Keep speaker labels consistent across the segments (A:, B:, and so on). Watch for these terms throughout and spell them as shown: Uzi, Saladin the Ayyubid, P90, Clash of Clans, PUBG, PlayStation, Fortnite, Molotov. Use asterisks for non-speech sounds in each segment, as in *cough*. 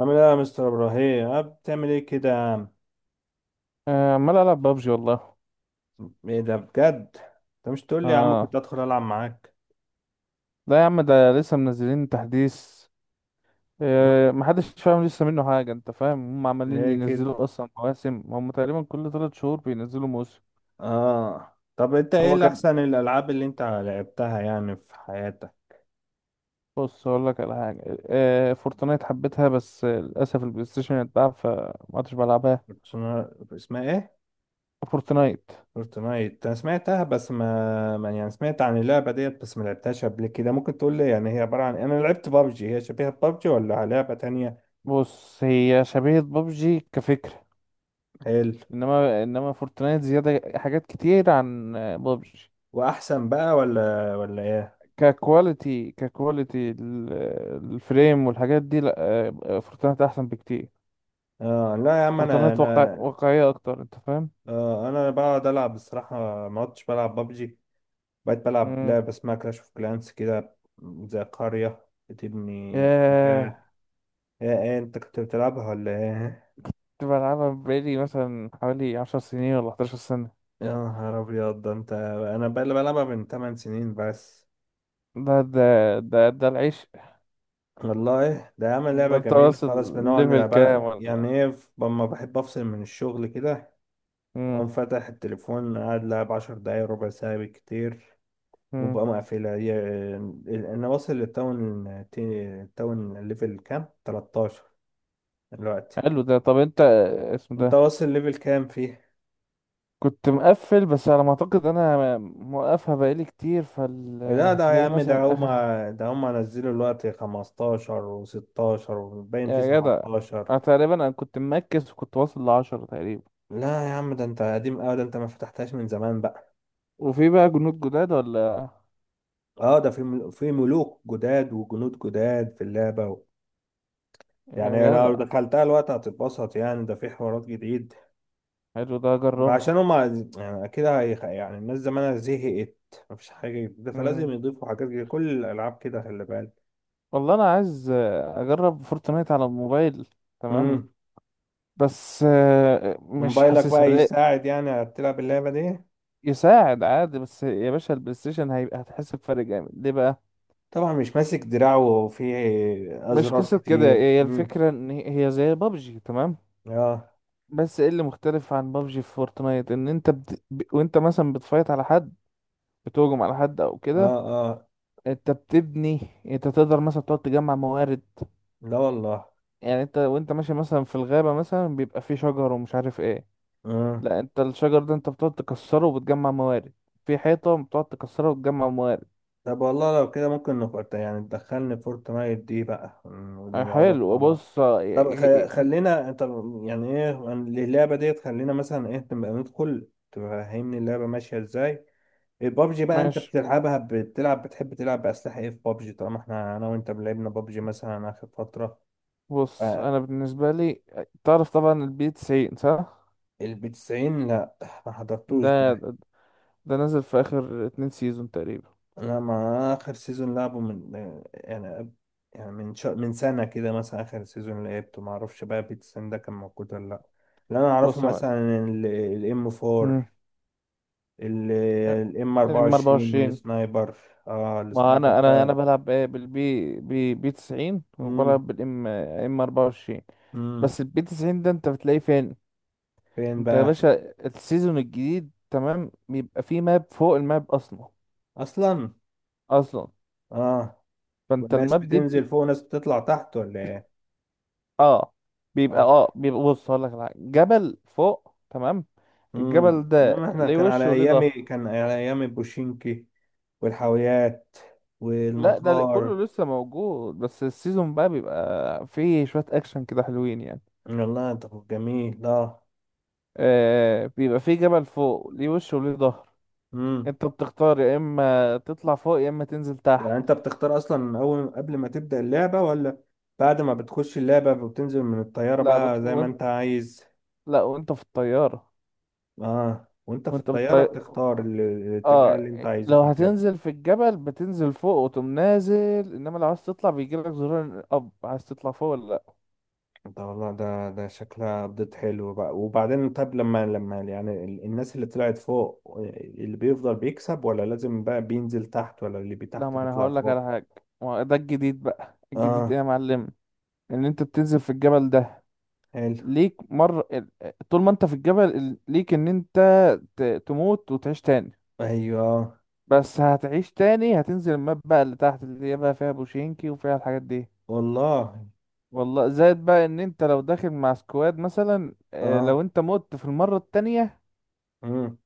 A: عامل ايه يا مستر ابراهيم؟ اه بتعمل ايه كده يا عم؟
B: آه، عمال العب بابجي والله.
A: ايه ده بجد؟ انت مش تقول لي يا عم كنت
B: اه.
A: ادخل العب معاك.
B: لا يا عم، ده لسه منزلين تحديث. محدش فاهم لسه منه حاجه، انت فاهم. هم عمالين
A: ليه كده؟
B: ينزلوا اصلا مواسم، هم تقريبا كل 3 شهور بينزلوا موسم.
A: اه طب انت ايه
B: هو
A: اللي
B: كان
A: احسن الالعاب اللي انت لعبتها يعني في حياتك؟
B: بص اقول لك على حاجه. فورتنايت حبيتها، بس للاسف البلاي ستيشن اتباع فما عدتش بلعبها.
A: اسمها ايه؟
B: فورتنايت،
A: فورتنايت، انا سمعتها بس يعني سمعت عن اللعبه ديت بس ما لعبتهاش قبل كده. ممكن تقول لي يعني هي عباره عن، انا لعبت بابجي، هي شبيهه ببجي ولا لعبه تانية؟
B: بص، هي شبيهه بابجي كفكره.
A: حلو.
B: انما فورتنايت زياده حاجات كتير عن بابجي.
A: واحسن بقى ولا ايه؟
B: ككواليتي الفريم والحاجات دي، لا. فورتنايت احسن بكتير.
A: اه لا يا عم، انا
B: فورتنايت واقع
A: انا
B: واقعية اكتر، انت فاهم؟
A: انا بقعد العب بصراحه. ما عدتش بلعب بابجي. بقيت بلعب
B: امم.
A: لعبه اسمها كلاش اوف كلانس كده. زي قريه بتبني
B: ياه.
A: مكان. ايه إيه، انت كنت بتلعبها ولا ايه؟
B: كنت بلعبها بقالي مثلا حوالي 10 سنين ولا 11 سنة.
A: يا نهار ابيض، ده انت. انا بقى اللي بلعبها من 8 سنين بس.
B: ده ده ده العيش.
A: والله ده عامل لعبه
B: انت
A: جميله،
B: واصل
A: خلاص بنقعد
B: ليفل كام
A: نلعبها يعني.
B: ولا؟
A: ايه، لما بحب افصل من الشغل كده،
B: امم.
A: اقوم فاتح التليفون قاعد لعب 10 دقايق، ربع ساعه بالكتير
B: امم.
A: وبقى مقفلة هي. أنا واصل للتاون التاون ليفل كام؟ 13 دلوقتي.
B: حلو ده. طب انت اسمه
A: أنت
B: ده.
A: واصل ليفل كام فيه؟
B: كنت مقفل، بس على ما اعتقد انا موقفها بقالي كتير
A: لا ده يا
B: فهتلاقي
A: عم، ده
B: مثلا اخر.
A: هما ده هما نزلوا دلوقتي 15 و16 وباين فيه
B: يا جدع.
A: 17.
B: أنا تقريبا كنت مركز وكنت واصل لـ10 تقريبا.
A: لا يا عم، ده انت قديم قوي، ده انت ما فتحتهاش من زمان بقى.
B: وفي بقى جنود جداد ولا؟
A: اه ده في ملوك جداد وجنود جداد في اللعبة و... يعني
B: يا
A: لو
B: جدع.
A: دخلتها الوقت هتتبسط يعني، ده في حوارات جديد.
B: حلو ده،
A: ما
B: اجربها.
A: عشان هما يعني كده يعني الناس زمانها زهقت. مفيش حاجة جديدة، فلازم
B: مم.
A: يضيفوا حاجات جديدة. كل الألعاب كده، خلي بالك.
B: والله انا عايز اجرب فورتنايت على الموبايل. تمام.
A: امم.
B: بس مش
A: موبايلك بقى
B: حاسسها ليه.
A: يساعد يعني تلعب اللعبة دي؟
B: يساعد عادي، بس يا باشا البلاي ستيشن هيبقى هتحس بفرق جامد ليه بقى.
A: طبعا مش ماسك دراعه وفيه
B: مش
A: أزرار
B: قصة كده،
A: كتير.
B: هي
A: امم.
B: الفكرة ان هي زي بابجي تمام.
A: اه.
B: بس ايه اللي مختلف عن بابجي في فورتنايت؟ ان انت وانت مثلا بتفايت على حد، بتهجم على حد او
A: اه.
B: كده.
A: اه
B: انت بتبني، انت تقدر مثلا تقعد تجمع موارد.
A: لا والله.
B: يعني انت وانت ماشي مثلا في الغابة مثلا، بيبقى فيه شجر ومش عارف ايه. لا، انت الشجر ده انت بتقعد تكسره وبتجمع موارد. في حيطة بتقعد تكسرها وتجمع موارد.
A: طب والله لو كده ممكن نفورت يعني، تدخلني فورتنايت دي بقى
B: اه
A: ونلعبها مع
B: حلو.
A: بعض.
B: بص
A: طب
B: ي- ي- ف-
A: خلينا انت، يعني ايه اللعبة ديت، خلينا مثلا ايه نبقى ندخل تفهمني اللعبة ماشية ازاي. البابجي بقى انت
B: ماشي.
A: بتلعبها، بتلعب، بتحب تلعب بأسلحة ايه في بابجي، طالما احنا انا وانت لعبنا بابجي مثلا اخر فترة. ف-
B: بص انا بالنسبة لي، تعرف طبعا البي 90 صح؟
A: البي 90؟ لا، ما حضرتوش
B: ده
A: ده.
B: ده ده نزل في اخر 2 سيزون تقريبا.
A: انا مع اخر سيزون لعبه من، يعني قبل- يعني من سنه كده مثلا اخر سيزون لعبته، ما اعرفش بقى بيتسن ده كان موجود ولا لا. اللي انا اعرفه
B: بص يا معلم.
A: مثلا الام 4،
B: مم.
A: الام
B: ام
A: 24
B: 24.
A: السنايبر. اه
B: ما
A: السنايبر
B: انا
A: ده.
B: بلعب إيه بالبي بي بي 90
A: امم.
B: وبلعب بالام 24.
A: امم.
B: بس البي 90 ده انت بتلاقيه فين؟
A: فين
B: انت يا
A: بقى؟
B: باشا، السيزون الجديد تمام بيبقى فيه ماب فوق الماب اصلا.
A: اصلا.
B: اصلا.
A: اه.
B: فانت
A: والناس
B: الماب دي
A: بتنزل
B: بت...
A: فوق وناس بتطلع تحت ولا ايه؟
B: اه بيبقى
A: اه.
B: اه بيبقى، بص هقول لك على حاجة. جبل فوق، تمام. الجبل ده
A: انما احنا
B: ليه
A: كان
B: وش
A: على
B: وليه
A: ايامي،
B: ظهر.
A: كان على ايامي بوشينكي والحاويات
B: لا،
A: والمطار.
B: كله لسه موجود، بس السيزون بقى بيبقى فيه شوية اكشن كده حلوين يعني.
A: والله طب جميل، اه.
B: آه بيبقى فيه جبل فوق ليه وش وليه ظهر.
A: امم.
B: انت بتختار يا اما تطلع فوق يا اما تنزل تحت.
A: يعني انت بتختار اصلا من اول قبل ما تبدأ اللعبة، ولا بعد ما بتخش اللعبة وبتنزل من الطيارة
B: لا بت...
A: بقى زي ما
B: وانت
A: انت عايز؟
B: لا، وانت في الطيارة.
A: اه، وانت في
B: وانت
A: الطيارة
B: بالطيارة،
A: بتختار الاتجاه
B: اه،
A: اللي انت عايزه
B: لو
A: في الجبل.
B: هتنزل في الجبل بتنزل فوق وتقوم نازل، انما لو عايز تطلع بيجيلك زرار اب عايز تطلع فوق ولا لا.
A: ده والله ده شكلها ابديت حلو بقى. وبعدين طب لما يعني الناس اللي طلعت فوق اللي بيفضل بيكسب، ولا لازم بقى بينزل تحت، ولا اللي
B: لا،
A: تحت
B: ما انا
A: بيطلع
B: هقول لك على
A: فوق؟
B: حاجة. ما هو ده الجديد بقى. الجديد ايه
A: اه.
B: يا معلم؟ ان انت بتنزل في الجبل ده،
A: حلو.
B: ليك مرة طول ما انت في الجبل ليك ان انت تموت وتعيش تاني.
A: ايوه.
B: بس هتعيش تاني هتنزل الماب بقى اللي تحت اللي هي بقى فيها بوشينكي وفيها الحاجات دي.
A: والله.
B: والله زائد بقى ان انت لو داخل مع سكواد مثلا،
A: اه.
B: لو انت مت في المرة التانية
A: مم.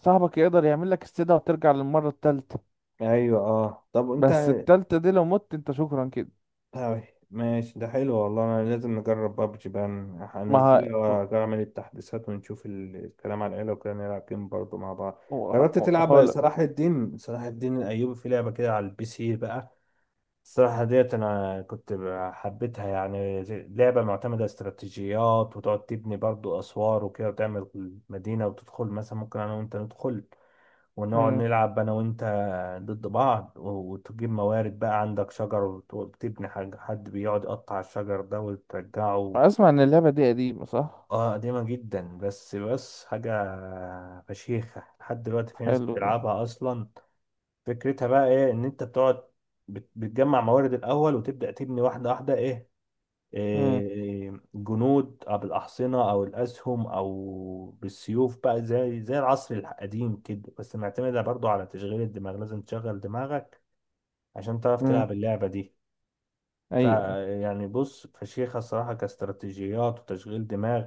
B: صاحبك يقدر يعمل لك استدعاء وترجع للمرة التالتة.
A: ايوه. اه طب انت.
B: بس التالتة دي لو مت انت، شكرا كده.
A: أوي. ماشي، ده حلو والله. انا لازم نجرب بابجي بقى.
B: ما
A: هنزلها
B: ه...
A: واعمل التحديثات ونشوف الكلام، على العيله وكده نلعب جيم برضه مع بعض. جربت تلعب
B: هقول
A: صلاح الدين الايوبي، في لعبه كده على البي سي بقى. الصراحه ديت انا كنت حبيتها يعني، لعبه معتمده استراتيجيات، وتقعد تبني برضه اسوار وكده، وتعمل مدينه. وتدخل مثلا، ممكن انا وانت ندخل ونقعد نلعب انا وانت ضد بعض، وتجيب موارد، بقى عندك شجر، وتبني حاجة، حد بيقعد يقطع الشجر ده وترجعه.
B: اسمع ان اللعبة دي قديمة صح؟
A: اه قديمة جدا، بس حاجة فشيخة لحد دلوقتي، في ناس
B: حلو ده.
A: بتلعبها اصلا. فكرتها بقى ايه، ان انت بتقعد بتجمع موارد الاول، وتبدأ تبني واحدة واحدة، ايه،
B: مم.
A: جنود أو بالأحصنة أو الأسهم أو بالسيوف، بقى زي العصر القديم كده. بس معتمدة برضو على تشغيل الدماغ، لازم تشغل دماغك عشان تعرف
B: مم.
A: تلعب اللعبة دي.
B: ايوه، أيوة.
A: فيعني بص، فشيخة الصراحة كاستراتيجيات وتشغيل دماغ.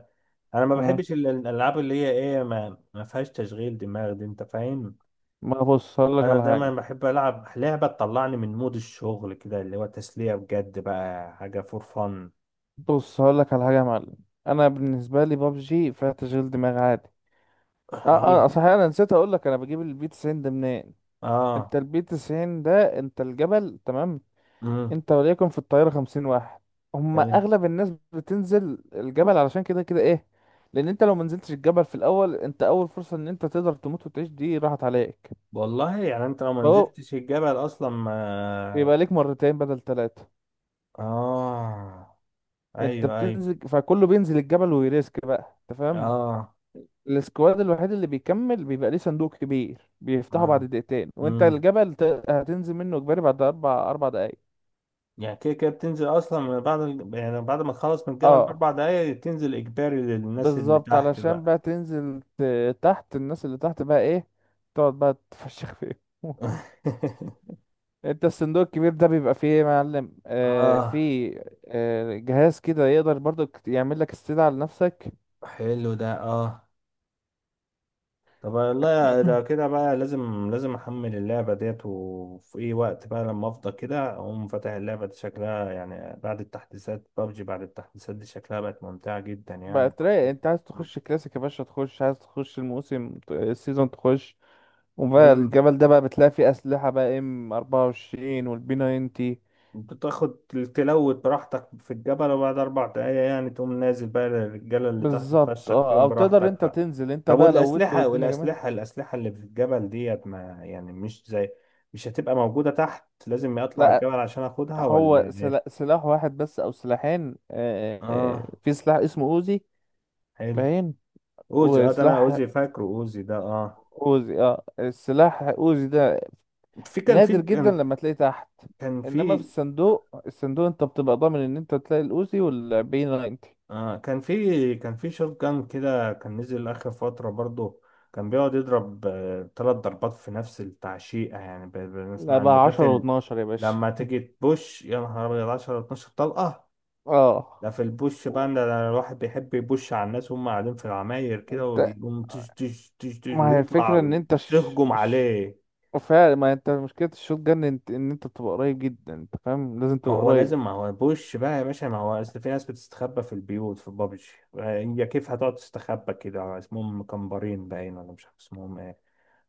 A: أنا ما
B: مم.
A: بحبش الألعاب اللي هي ما فيهاش تشغيل دماغ دي، أنت فاهم.
B: ما بص هقول لك
A: أنا
B: على حاجة.
A: دايما بحب ألعب لعبة تطلعني من مود الشغل كده، اللي هو تسلية بجد بقى، حاجة فور فن.
B: بص هقول لك على حاجة يا معلم. انا بالنسبة لي بابجي فيها تشغيل دماغ عادي. اه اه
A: *laughs*
B: صحيح، انا نسيت اقول لك انا بجيب البي 90 ده منين. انت
A: اه.
B: البي 90 ده، انت الجبل تمام،
A: مم.
B: انت وليكن في الطياره 50 واحد، هما
A: حلو.
B: اغلب الناس بتنزل الجبل علشان كده كده ايه. لان انت لو منزلتش الجبل في الاول انت اول فرصه ان انت تقدر تموت وتعيش دي راحت عليك.
A: والله يعني انت لو ما
B: فهو
A: نزلتش الجبل اصلا ما...
B: بيبقى ليك 2 بدل 3.
A: اه.
B: انت
A: ايوه ايوه.
B: بتنزل فكله بينزل الجبل ويريسك بقى، انت فاهم.
A: اه.
B: السكواد الوحيد اللي بيكمل بيبقى ليه صندوق كبير بيفتحه بعد
A: ما.
B: 2 دقيقة، وانت
A: امم.
B: الجبل هتنزل منه اجباري بعد اربع دقايق.
A: يعني كده كده بتنزل اصلا من بعد يعني بعد ما تخلص من الجبل
B: اه،
A: ب4 دقايق، تنزل اجباري للناس اللي
B: بالظبط،
A: تحت
B: علشان
A: بقى.
B: بقى تنزل تحت الناس اللي تحت بقى ايه، تقعد بقى تفشخ فيهم. *laughs*
A: *laughs*
B: انت الصندوق الكبير ده بيبقى فيه ايه يا معلم؟ آه
A: اه،
B: فيه، آه جهاز كده يقدر برضو يعمل لك استدعاء لنفسك.
A: حلو ده، اه. طب والله
B: *clears throat*
A: ده كده بقى لازم لازم احمل اللعبة ديت. وفي اي وقت بقى لما افضى كده، اقوم فاتح اللعبة. دي شكلها يعني بعد التحديثات، بابجي بعد التحديثات دي شكلها بقت ممتعة جدا
B: بقى
A: يعني.
B: تلاقي انت عايز تخش كلاسيك يا باشا، تخش عايز تخش الموسم السيزون تخش، وبقى
A: امم.
B: الجبل ده بقى بتلاقي فيه أسلحة بقى ام 24 والبي 90.
A: بتاخد، تلوت براحتك في الجبل، وبعد اربع دقايق يعني تقوم نازل بقى للرجالة اللي تحت
B: بالظبط
A: تفشخ
B: اه.
A: فيهم
B: او تقدر
A: براحتك
B: انت
A: بقى.
B: تنزل انت
A: طب
B: بقى لو ودت
A: والاسلحة،
B: والدنيا
A: والاسلحة
B: جميلة.
A: الاسلحة اللي في الجبل ديت، ما يعني مش زي، مش هتبقى موجودة تحت، لازم اطلع
B: لا،
A: الجبل عشان اخدها
B: هو
A: ولا ايه؟
B: سلاح واحد بس او سلاحين.
A: اه.
B: في سلاح اسمه اوزي،
A: حلو.
B: باين.
A: اوزي، اه، ده انا
B: وسلاح
A: اوزي فاكره، اوزي ده اه.
B: اوزي اه، السلاح اوزي ده
A: في كان في
B: نادر جدا
A: كان
B: لما تلاقيه تحت.
A: كان
B: انما في
A: في.
B: الصندوق، انت بتبقى ضامن ان انت تلاقي الاوزي والبي 90.
A: كان في شوت جان كده، كان نزل اخر فترة برضه. كان بيقعد يضرب 3 ضربات في نفس التعشيقة، يعني
B: لا
A: بنسمع ان
B: بقى
A: ده في
B: 10 و12 يا باشا.
A: لما تيجي تبوش يا نهار ابيض 10 12 طلقة.
B: اه.
A: ده في البوش بقى، ان ده الواحد بيحب يبوش على الناس وهم قاعدين في العماير كده، ويقوم تش تش تش تش
B: ما هي الفكرة
A: ويطلع.
B: ان انت
A: تهجم عليه.
B: فعلا، ما انت مشكلة الشوت جن ان انت تبقى قريب جدا، انت فاهم. لازم تبقى قريب.
A: ما هو بوش بقى يا باشا، ما هو اصل في ناس بتستخبى في البيوت في بابجي. هي كيف هتقعد تستخبى كده؟ اسمهم مكمبرين، باين، ولا مش عارف اسمهم ايه.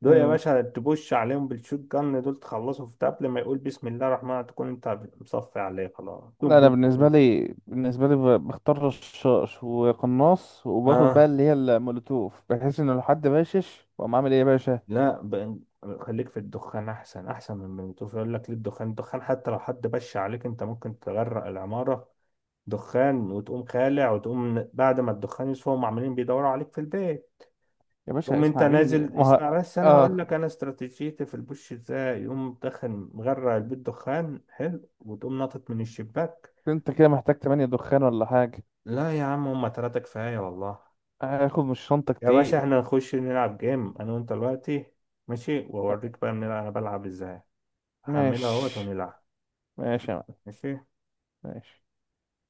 A: دول يا
B: مم.
A: باشا تبوش عليهم بالشوت جن، دول تخلصوا في قبل ما يقول بسم الله الرحمن الرحيم تكون انت مصفي عليه خلاص، بوم
B: لا انا
A: بوم بوم.
B: بالنسبة لي بختار رشاش وقناص وباخد بقى
A: اه.
B: اللي هي المولوتوف، بحيث ان لو حد باشش واقوم عامل ايه يا باشا.
A: لا، خليك في الدخان احسن، احسن من الموتوف. يقول لك ليه الدخان، حتى لو حد بش عليك انت ممكن تغرق العمارة دخان، وتقوم خالع، وتقوم بعد ما الدخان يصفى هم عمالين بيدوروا عليك في البيت،
B: يا باشا
A: تقوم انت
B: اسمع مني
A: نازل.
B: ما ه...
A: اسمع بس، انا هقول
B: اه،
A: لك انا استراتيجيتي في البوش ازاي، يقوم مدخن مغرق البيت دخان حلو، وتقوم ناطط من الشباك.
B: انت كده محتاج 8 دخان ولا حاجة.
A: لا يا عم، هما تلاتة كفاية والله.
B: هاخد من الشنطة
A: يا باشا،
B: كتير.
A: احنا نخش نلعب جيم انا وانت دلوقتي. ماشي، واوريك بقى بنلعب انا بلعب ازاي. هحملها اهوت
B: ماشي.
A: ونلعب.
B: ماشي يا معلم.
A: ماشي.
B: ماشي.